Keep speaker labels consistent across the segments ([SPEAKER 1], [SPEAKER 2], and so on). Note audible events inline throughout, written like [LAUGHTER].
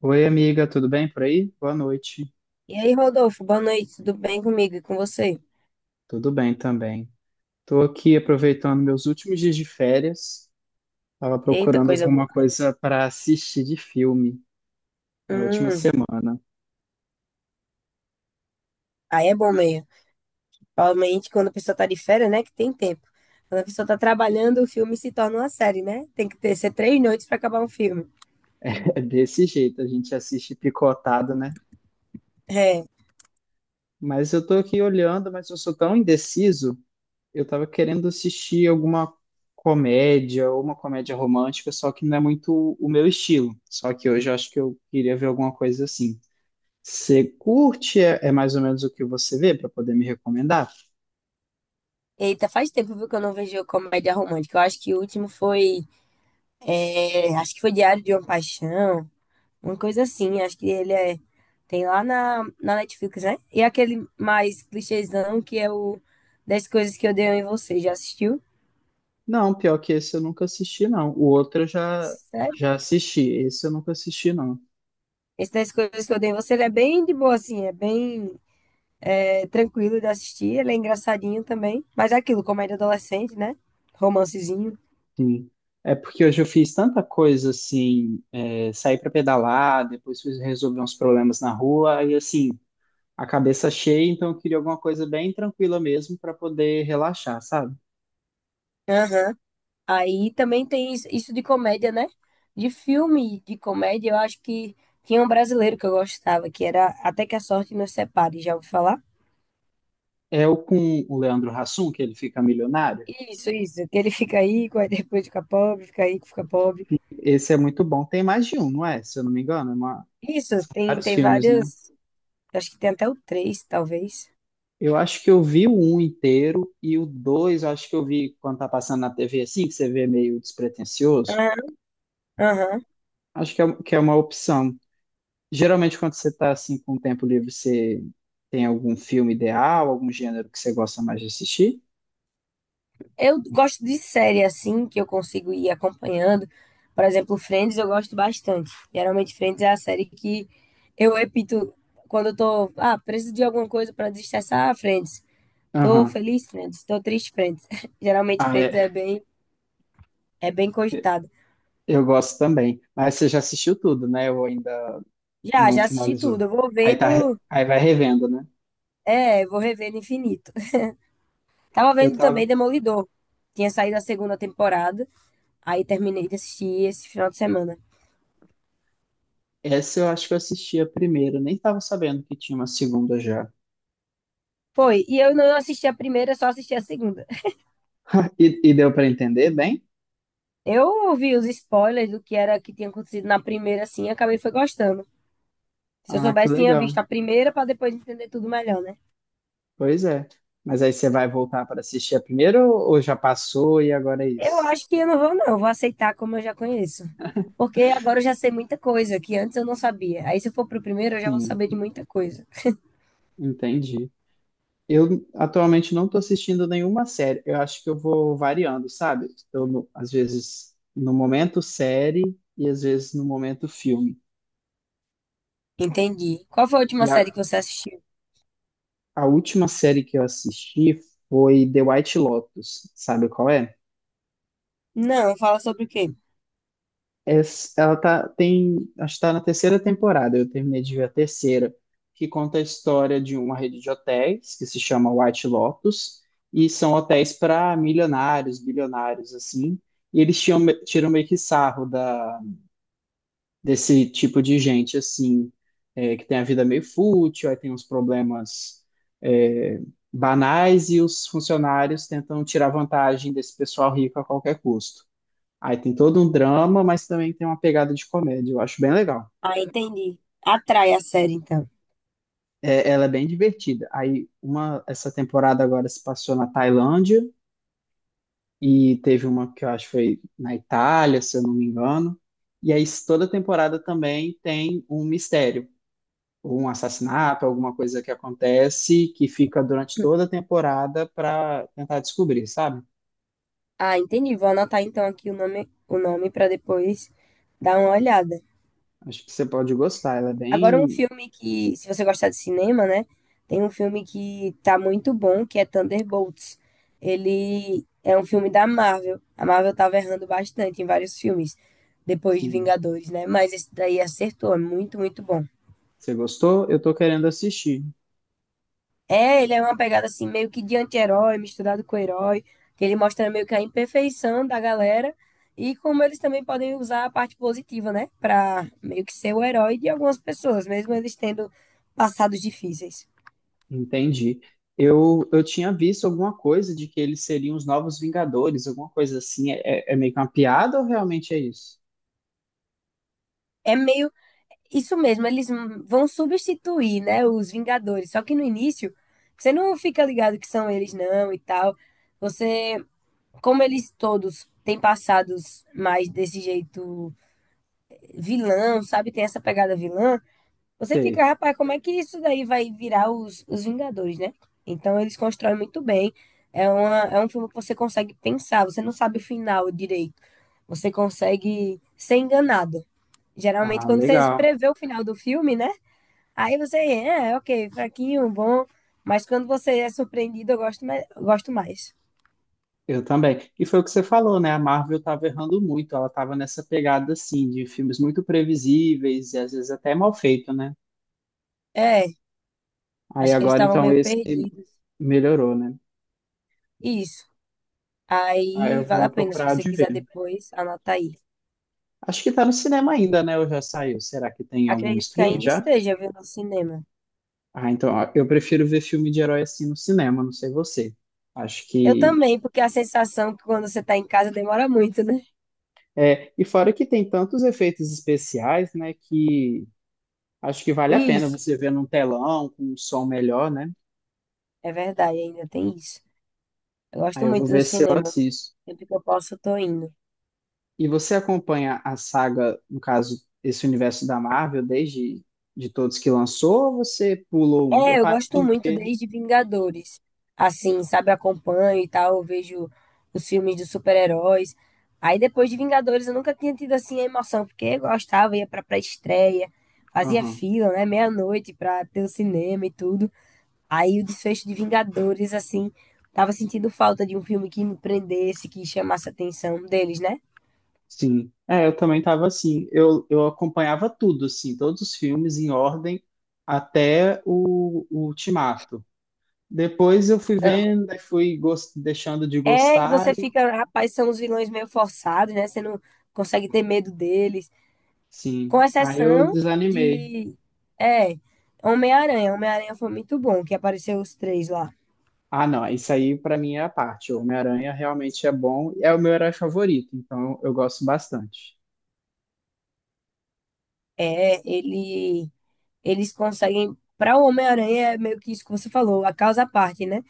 [SPEAKER 1] Oi, amiga, tudo bem por aí? Boa noite.
[SPEAKER 2] E aí, Rodolfo, boa noite, tudo bem comigo e com você?
[SPEAKER 1] Tudo bem também. Estou aqui aproveitando meus últimos dias de férias. Estava
[SPEAKER 2] Eita,
[SPEAKER 1] procurando
[SPEAKER 2] coisa boa.
[SPEAKER 1] alguma coisa para assistir de filme. É a última
[SPEAKER 2] Hum,
[SPEAKER 1] semana.
[SPEAKER 2] Aí é bom meio. Principalmente quando a pessoa tá de férias, né, que tem tempo. Quando a pessoa tá trabalhando, o filme se torna uma série, né? Tem que ter, ser 3 noites pra acabar um filme.
[SPEAKER 1] [LAUGHS] É desse jeito, a gente assiste picotado, né?
[SPEAKER 2] É.
[SPEAKER 1] Mas eu estou aqui olhando, mas eu sou tão indeciso. Eu estava querendo assistir alguma comédia ou uma comédia romântica, só que não é muito o meu estilo. Só que hoje eu acho que eu queria ver alguma coisa assim. Você curte é mais ou menos o que você vê para poder me recomendar?
[SPEAKER 2] Eita, faz tempo, viu, que eu não vejo comédia romântica. Eu acho que o último foi, é, acho que foi Diário de uma Paixão, uma coisa assim. Acho que ele é, tem lá na Netflix, né? E aquele mais clichêzão que é o Dez coisas que eu odeio em você. Já assistiu?
[SPEAKER 1] Não, pior que esse eu nunca assisti, não. O outro eu já,
[SPEAKER 2] Sério?
[SPEAKER 1] já assisti. Esse eu nunca assisti, não.
[SPEAKER 2] Esse das coisas que eu dei em você, ele é bem de boa, assim, é bem é, tranquilo de assistir, ele é engraçadinho também. Mas é aquilo, comédia adolescente, né? Romancezinho.
[SPEAKER 1] Sim. É porque hoje eu fiz tanta coisa assim, é, saí para pedalar, depois fui resolver uns problemas na rua, e assim, a cabeça cheia, então eu queria alguma coisa bem tranquila mesmo para poder relaxar, sabe?
[SPEAKER 2] Aham. Aí também tem isso de comédia, né? De filme de comédia, eu acho que tinha um brasileiro que eu gostava, que era Até que a Sorte Nos Separe, já ouviu falar?
[SPEAKER 1] É o com o Leandro Hassum, que ele fica milionário.
[SPEAKER 2] Isso, que ele [LAUGHS] fica aí, aí depois fica pobre, fica aí, fica pobre.
[SPEAKER 1] Esse é muito bom. Tem mais de um, não é? Se eu não me engano, é uma-
[SPEAKER 2] Isso, tem,
[SPEAKER 1] Vários
[SPEAKER 2] tem
[SPEAKER 1] filmes, né?
[SPEAKER 2] vários, acho que tem até o três, talvez.
[SPEAKER 1] Eu acho que eu vi o um inteiro e o dois, acho que eu vi quando tá passando na TV assim, que você vê meio despretensioso.
[SPEAKER 2] Aham. Aham.
[SPEAKER 1] Acho que é uma opção. Geralmente, quando você tá assim com tempo livre, você tem algum filme ideal, algum gênero que você gosta mais de assistir?
[SPEAKER 2] Eu gosto de série assim, que eu consigo ir acompanhando. Por exemplo, Friends eu gosto bastante. Geralmente, Friends é a série que eu repito quando eu tô, ah, preciso de alguma coisa para desestressar, ah, Friends. Tô
[SPEAKER 1] Aham.
[SPEAKER 2] feliz, Friends. Tô triste, Friends. [LAUGHS] Geralmente,
[SPEAKER 1] Ah, é.
[SPEAKER 2] Friends é bem cogitado.
[SPEAKER 1] Eu gosto também. Mas você já assistiu tudo, né? Ou ainda
[SPEAKER 2] Já,
[SPEAKER 1] não
[SPEAKER 2] já assisti tudo.
[SPEAKER 1] finalizou.
[SPEAKER 2] Eu vou
[SPEAKER 1] Aí tá,
[SPEAKER 2] vendo,
[SPEAKER 1] aí vai revendo, né?
[SPEAKER 2] é, vou revendo infinito. [LAUGHS] Tava
[SPEAKER 1] Eu
[SPEAKER 2] vendo
[SPEAKER 1] tava.
[SPEAKER 2] também Demolidor. Tinha saído a segunda temporada, aí terminei de assistir esse final de semana.
[SPEAKER 1] Essa eu acho que eu assisti a primeira, nem tava sabendo que tinha uma segunda já.
[SPEAKER 2] Foi, e eu não assisti a primeira, só assisti a segunda.
[SPEAKER 1] [LAUGHS] E deu pra entender bem?
[SPEAKER 2] Eu ouvi os spoilers do que era que tinha acontecido na primeira, assim, e acabei foi gostando. Se eu
[SPEAKER 1] Ah, que
[SPEAKER 2] soubesse, tinha visto
[SPEAKER 1] legal.
[SPEAKER 2] a primeira para depois entender tudo melhor, né?
[SPEAKER 1] Pois é. Mas aí você vai voltar para assistir a primeira ou já passou e agora é
[SPEAKER 2] Eu
[SPEAKER 1] isso?
[SPEAKER 2] acho que eu não vou, não. Eu Vou aceitar como eu já conheço. Porque agora eu já sei muita coisa que antes eu não sabia. Aí se eu for pro primeiro, eu já vou
[SPEAKER 1] Sim,
[SPEAKER 2] saber de muita coisa.
[SPEAKER 1] entendi. Eu atualmente não estou assistindo nenhuma série. Eu acho que eu vou variando, sabe? Eu, no- Às vezes no momento série e às vezes no momento filme.
[SPEAKER 2] Entendi. Qual foi a
[SPEAKER 1] E
[SPEAKER 2] última
[SPEAKER 1] a,
[SPEAKER 2] série que você assistiu?
[SPEAKER 1] a última série que eu assisti foi The White Lotus. Sabe qual é?
[SPEAKER 2] Não, fala sobre o quê?
[SPEAKER 1] Ela tá, tem, acho que tá na terceira temporada, eu terminei de ver a terceira, que conta a história de uma rede de hotéis que se chama White Lotus, e são hotéis para milionários, bilionários, assim, e eles tiram, tiram meio que sarro da, desse tipo de gente, assim, é, que tem a vida meio fútil, aí tem uns problemas é, banais, e os funcionários tentam tirar vantagem desse pessoal rico a qualquer custo. Aí tem todo um drama, mas também tem uma pegada de comédia. Eu acho bem legal.
[SPEAKER 2] Ah, entendi. Atrai a série, então.
[SPEAKER 1] É, ela é bem divertida. Aí uma essa temporada agora se passou na Tailândia e teve uma que eu acho que foi na Itália, se eu não me engano. E aí toda temporada também tem um mistério, ou um assassinato, alguma coisa que acontece que fica durante toda a temporada para tentar descobrir, sabe?
[SPEAKER 2] Ah, entendi. Vou anotar então aqui o nome para depois dar uma olhada.
[SPEAKER 1] Acho que você pode gostar. Ela é
[SPEAKER 2] Agora, um
[SPEAKER 1] bem,
[SPEAKER 2] filme que, se você gostar de cinema, né? Tem um filme que tá muito bom, que é Thunderbolts. Ele é um filme da Marvel. A Marvel tava errando bastante em vários filmes, depois de
[SPEAKER 1] sim.
[SPEAKER 2] Vingadores, né? Mas esse daí acertou, é muito, muito bom.
[SPEAKER 1] Você gostou? Eu tô querendo assistir.
[SPEAKER 2] É, ele é uma pegada assim, meio que de anti-herói, misturado com herói, que ele mostra meio que a imperfeição da galera e como eles também podem usar a parte positiva, né? Pra meio que ser o herói de algumas pessoas, mesmo eles tendo passados difíceis.
[SPEAKER 1] Entendi. Eu tinha visto alguma coisa de que eles seriam os novos Vingadores, alguma coisa assim. É, é meio que uma piada ou realmente é isso?
[SPEAKER 2] É meio Isso mesmo, eles vão substituir, né, os Vingadores. Só que no início, você não fica ligado que são eles, não, e tal. Você, como eles todos têm passados mais desse jeito vilão, sabe? Tem essa pegada vilã. Você fica,
[SPEAKER 1] Sei.
[SPEAKER 2] rapaz, como é que isso daí vai virar os Vingadores, né? Então eles constroem muito bem. É um filme que você consegue pensar, você não sabe o final direito. Você consegue ser enganado. Geralmente,
[SPEAKER 1] Ah,
[SPEAKER 2] quando você
[SPEAKER 1] legal.
[SPEAKER 2] prevê o final do filme, né? Aí você, é, ok, fraquinho, bom, mas quando você é surpreendido, eu gosto mais.
[SPEAKER 1] Eu também. E foi o que você falou, né? A Marvel estava errando muito. Ela estava nessa pegada, assim, de filmes muito previsíveis e às vezes até mal feito, né?
[SPEAKER 2] É,
[SPEAKER 1] Aí
[SPEAKER 2] acho que eles
[SPEAKER 1] agora,
[SPEAKER 2] estavam
[SPEAKER 1] então,
[SPEAKER 2] meio
[SPEAKER 1] esse
[SPEAKER 2] perdidos.
[SPEAKER 1] melhorou, né?
[SPEAKER 2] Isso.
[SPEAKER 1] Aí eu
[SPEAKER 2] Aí vale a
[SPEAKER 1] vou
[SPEAKER 2] pena, se
[SPEAKER 1] procurar
[SPEAKER 2] você
[SPEAKER 1] de ver.
[SPEAKER 2] quiser depois, anota aí.
[SPEAKER 1] Acho que tá no cinema ainda, né? Ou já saiu? Será que tem algum
[SPEAKER 2] Acredito que
[SPEAKER 1] stream
[SPEAKER 2] ainda
[SPEAKER 1] já?
[SPEAKER 2] esteja, viu, no cinema.
[SPEAKER 1] Ah, então, ó, eu prefiro ver filme de herói assim no cinema, não sei você. Acho
[SPEAKER 2] Eu
[SPEAKER 1] que
[SPEAKER 2] também, porque a sensação que quando você tá em casa demora muito, né?
[SPEAKER 1] é, e fora que tem tantos efeitos especiais, né, que acho que vale a pena
[SPEAKER 2] Isso,
[SPEAKER 1] você ver num telão com um som melhor, né?
[SPEAKER 2] é verdade, ainda tem isso. Eu gosto
[SPEAKER 1] Aí eu vou
[SPEAKER 2] muito do
[SPEAKER 1] ver se eu
[SPEAKER 2] cinema.
[SPEAKER 1] assisto.
[SPEAKER 2] Sempre que eu posso, eu tô indo.
[SPEAKER 1] E você acompanha a saga, no caso, esse universo da Marvel desde de todos que lançou, ou você pulou um? Eu
[SPEAKER 2] É, eu
[SPEAKER 1] parei.
[SPEAKER 2] gosto muito desde Vingadores. Assim, sabe, eu acompanho e tal, eu vejo os filmes de super-heróis. Aí depois de Vingadores eu nunca tinha tido assim a emoção, porque eu gostava, ia pra pré-estreia, fazia fila, né, meia-noite pra ter o cinema e tudo. Aí o desfecho de Vingadores, assim, tava sentindo falta de um filme que me prendesse, que chamasse a atenção deles, né?
[SPEAKER 1] Sim, é, eu também tava assim. Eu acompanhava tudo, assim, todos os filmes em ordem até o Ultimato. Depois eu fui
[SPEAKER 2] Aham.
[SPEAKER 1] vendo, aí fui deixando de
[SPEAKER 2] É, e
[SPEAKER 1] gostar, e,
[SPEAKER 2] você fica, rapaz, são os vilões meio forçados, né? Você não consegue ter medo deles. Com
[SPEAKER 1] sim. Aí eu
[SPEAKER 2] exceção
[SPEAKER 1] desanimei.
[SPEAKER 2] de. É, Homem-Aranha. Homem-Aranha foi muito bom, que apareceu os três lá.
[SPEAKER 1] Ah, não, isso aí pra mim é a parte. O Homem-Aranha realmente é bom, é o meu herói favorito, então eu gosto bastante.
[SPEAKER 2] É, ele, Eles conseguem. Para o Homem-Aranha, é meio que isso que você falou, a causa à parte, né?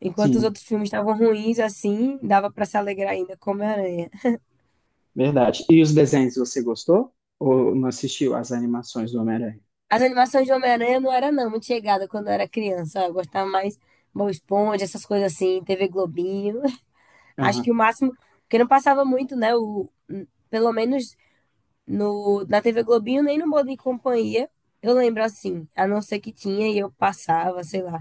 [SPEAKER 2] Enquanto os
[SPEAKER 1] Sim,
[SPEAKER 2] outros filmes estavam ruins, assim, dava para se alegrar ainda com o Homem-Aranha.
[SPEAKER 1] verdade. E os desenhos você gostou? Ou não assistiu às animações do Homem-Aranha?
[SPEAKER 2] As animações de Homem-Aranha não era, não, muito chegada quando eu era criança. Eu gostava mais Bob Esponja, essas coisas assim, TV Globinho. [LAUGHS] Acho que o máximo. Porque não passava muito, né? O, pelo menos no, na TV Globinho, nem no Modo e Companhia. Eu lembro assim, a não ser que tinha e eu passava, sei lá.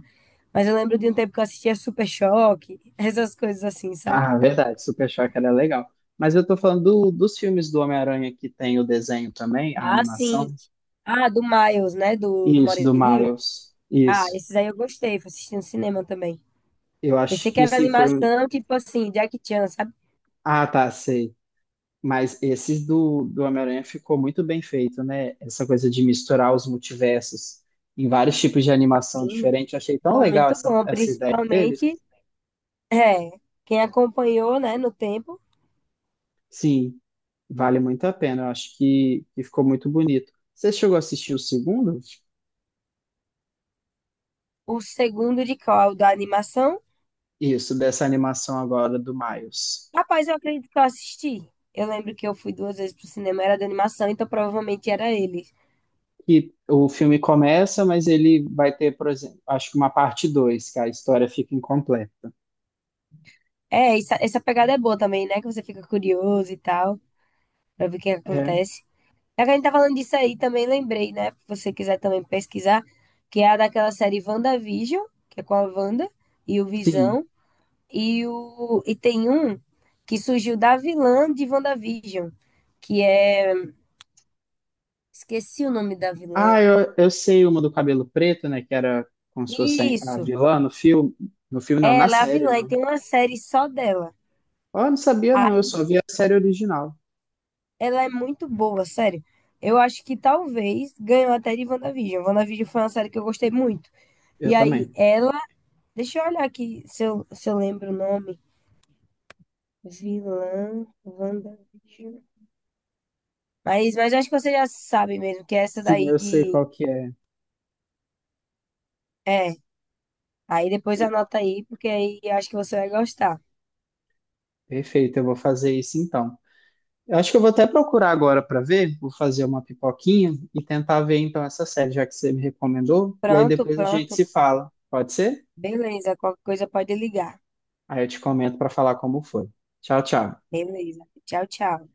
[SPEAKER 2] Mas eu lembro de um tempo que eu assistia Super Choque, [LAUGHS] essas coisas assim, sabe?
[SPEAKER 1] Ah, verdade, Super Choque era legal. Mas eu tô falando dos filmes do Homem-Aranha que tem o desenho também, a
[SPEAKER 2] Ah,
[SPEAKER 1] animação.
[SPEAKER 2] sim. Ah, do Miles, né? Do
[SPEAKER 1] Isso, do
[SPEAKER 2] Moreninho.
[SPEAKER 1] Miles.
[SPEAKER 2] Ah,
[SPEAKER 1] Isso.
[SPEAKER 2] esses aí eu gostei, fui assistindo cinema também.
[SPEAKER 1] Eu acho
[SPEAKER 2] Pensei que
[SPEAKER 1] que
[SPEAKER 2] era
[SPEAKER 1] assim foram.
[SPEAKER 2] animação, tipo assim, Jack Chan, sabe?
[SPEAKER 1] Ah, tá, sei. Mas esses do Homem-Aranha ficou muito bem feito, né? Essa coisa de misturar os multiversos em vários tipos de animação
[SPEAKER 2] Sim,
[SPEAKER 1] diferente. Eu achei tão
[SPEAKER 2] ficou
[SPEAKER 1] legal
[SPEAKER 2] muito
[SPEAKER 1] essa,
[SPEAKER 2] bom,
[SPEAKER 1] essa ideia deles.
[SPEAKER 2] principalmente, é, quem acompanhou, né, no tempo,
[SPEAKER 1] Sim, vale muito a pena. Eu acho que ficou muito bonito. Você chegou a assistir o segundo?
[SPEAKER 2] o segundo de qual da animação
[SPEAKER 1] Isso, dessa animação agora do Miles.
[SPEAKER 2] Rapaz, eu acredito que eu assisti. Eu lembro que eu fui 2 vezes pro cinema, era de animação, então provavelmente era ele.
[SPEAKER 1] Que o filme começa, mas ele vai ter, por exemplo, acho que uma parte 2, que a história fica incompleta.
[SPEAKER 2] É, essa pegada é boa também, né? Que você fica curioso e tal, pra ver o que
[SPEAKER 1] É,
[SPEAKER 2] acontece. Já que a gente tá falando disso aí, também lembrei, né? Se você quiser também pesquisar, que é a daquela série WandaVision, que é com a Wanda e o
[SPEAKER 1] sim.
[SPEAKER 2] Visão. E tem um que surgiu da vilã de WandaVision, que é. Esqueci o nome da vilã.
[SPEAKER 1] Ah, eu sei uma do cabelo preto, né? Que era como se fosse a
[SPEAKER 2] Isso,
[SPEAKER 1] vilã no filme. No filme, não, na
[SPEAKER 2] ela é a
[SPEAKER 1] série,
[SPEAKER 2] vilã e
[SPEAKER 1] né?
[SPEAKER 2] tem uma série só dela.
[SPEAKER 1] Oh, eu não sabia, não. Eu
[SPEAKER 2] Ai,
[SPEAKER 1] só vi a série original.
[SPEAKER 2] ela é muito boa, sério. Eu acho que talvez ganhou até de WandaVision. WandaVision foi uma série que eu gostei muito.
[SPEAKER 1] Eu
[SPEAKER 2] E aí,
[SPEAKER 1] também.
[SPEAKER 2] ela. Deixa eu olhar aqui se eu lembro o nome. Vilã WandaVision. Mas eu acho que você já sabe mesmo que é essa
[SPEAKER 1] Sim,
[SPEAKER 2] daí
[SPEAKER 1] eu sei
[SPEAKER 2] de.
[SPEAKER 1] qual que é.
[SPEAKER 2] É. Aí depois anota aí, porque aí eu acho que você vai gostar.
[SPEAKER 1] Perfeito, eu vou fazer isso então. Eu acho que eu vou até procurar agora para ver, vou fazer uma pipoquinha e tentar ver então essa série, já que você me recomendou, e aí
[SPEAKER 2] Pronto,
[SPEAKER 1] depois a gente
[SPEAKER 2] pronto.
[SPEAKER 1] se fala. Pode ser?
[SPEAKER 2] Beleza. Qualquer coisa pode ligar.
[SPEAKER 1] Aí eu te comento para falar como foi. Tchau, tchau.
[SPEAKER 2] Beleza. Tchau, tchau.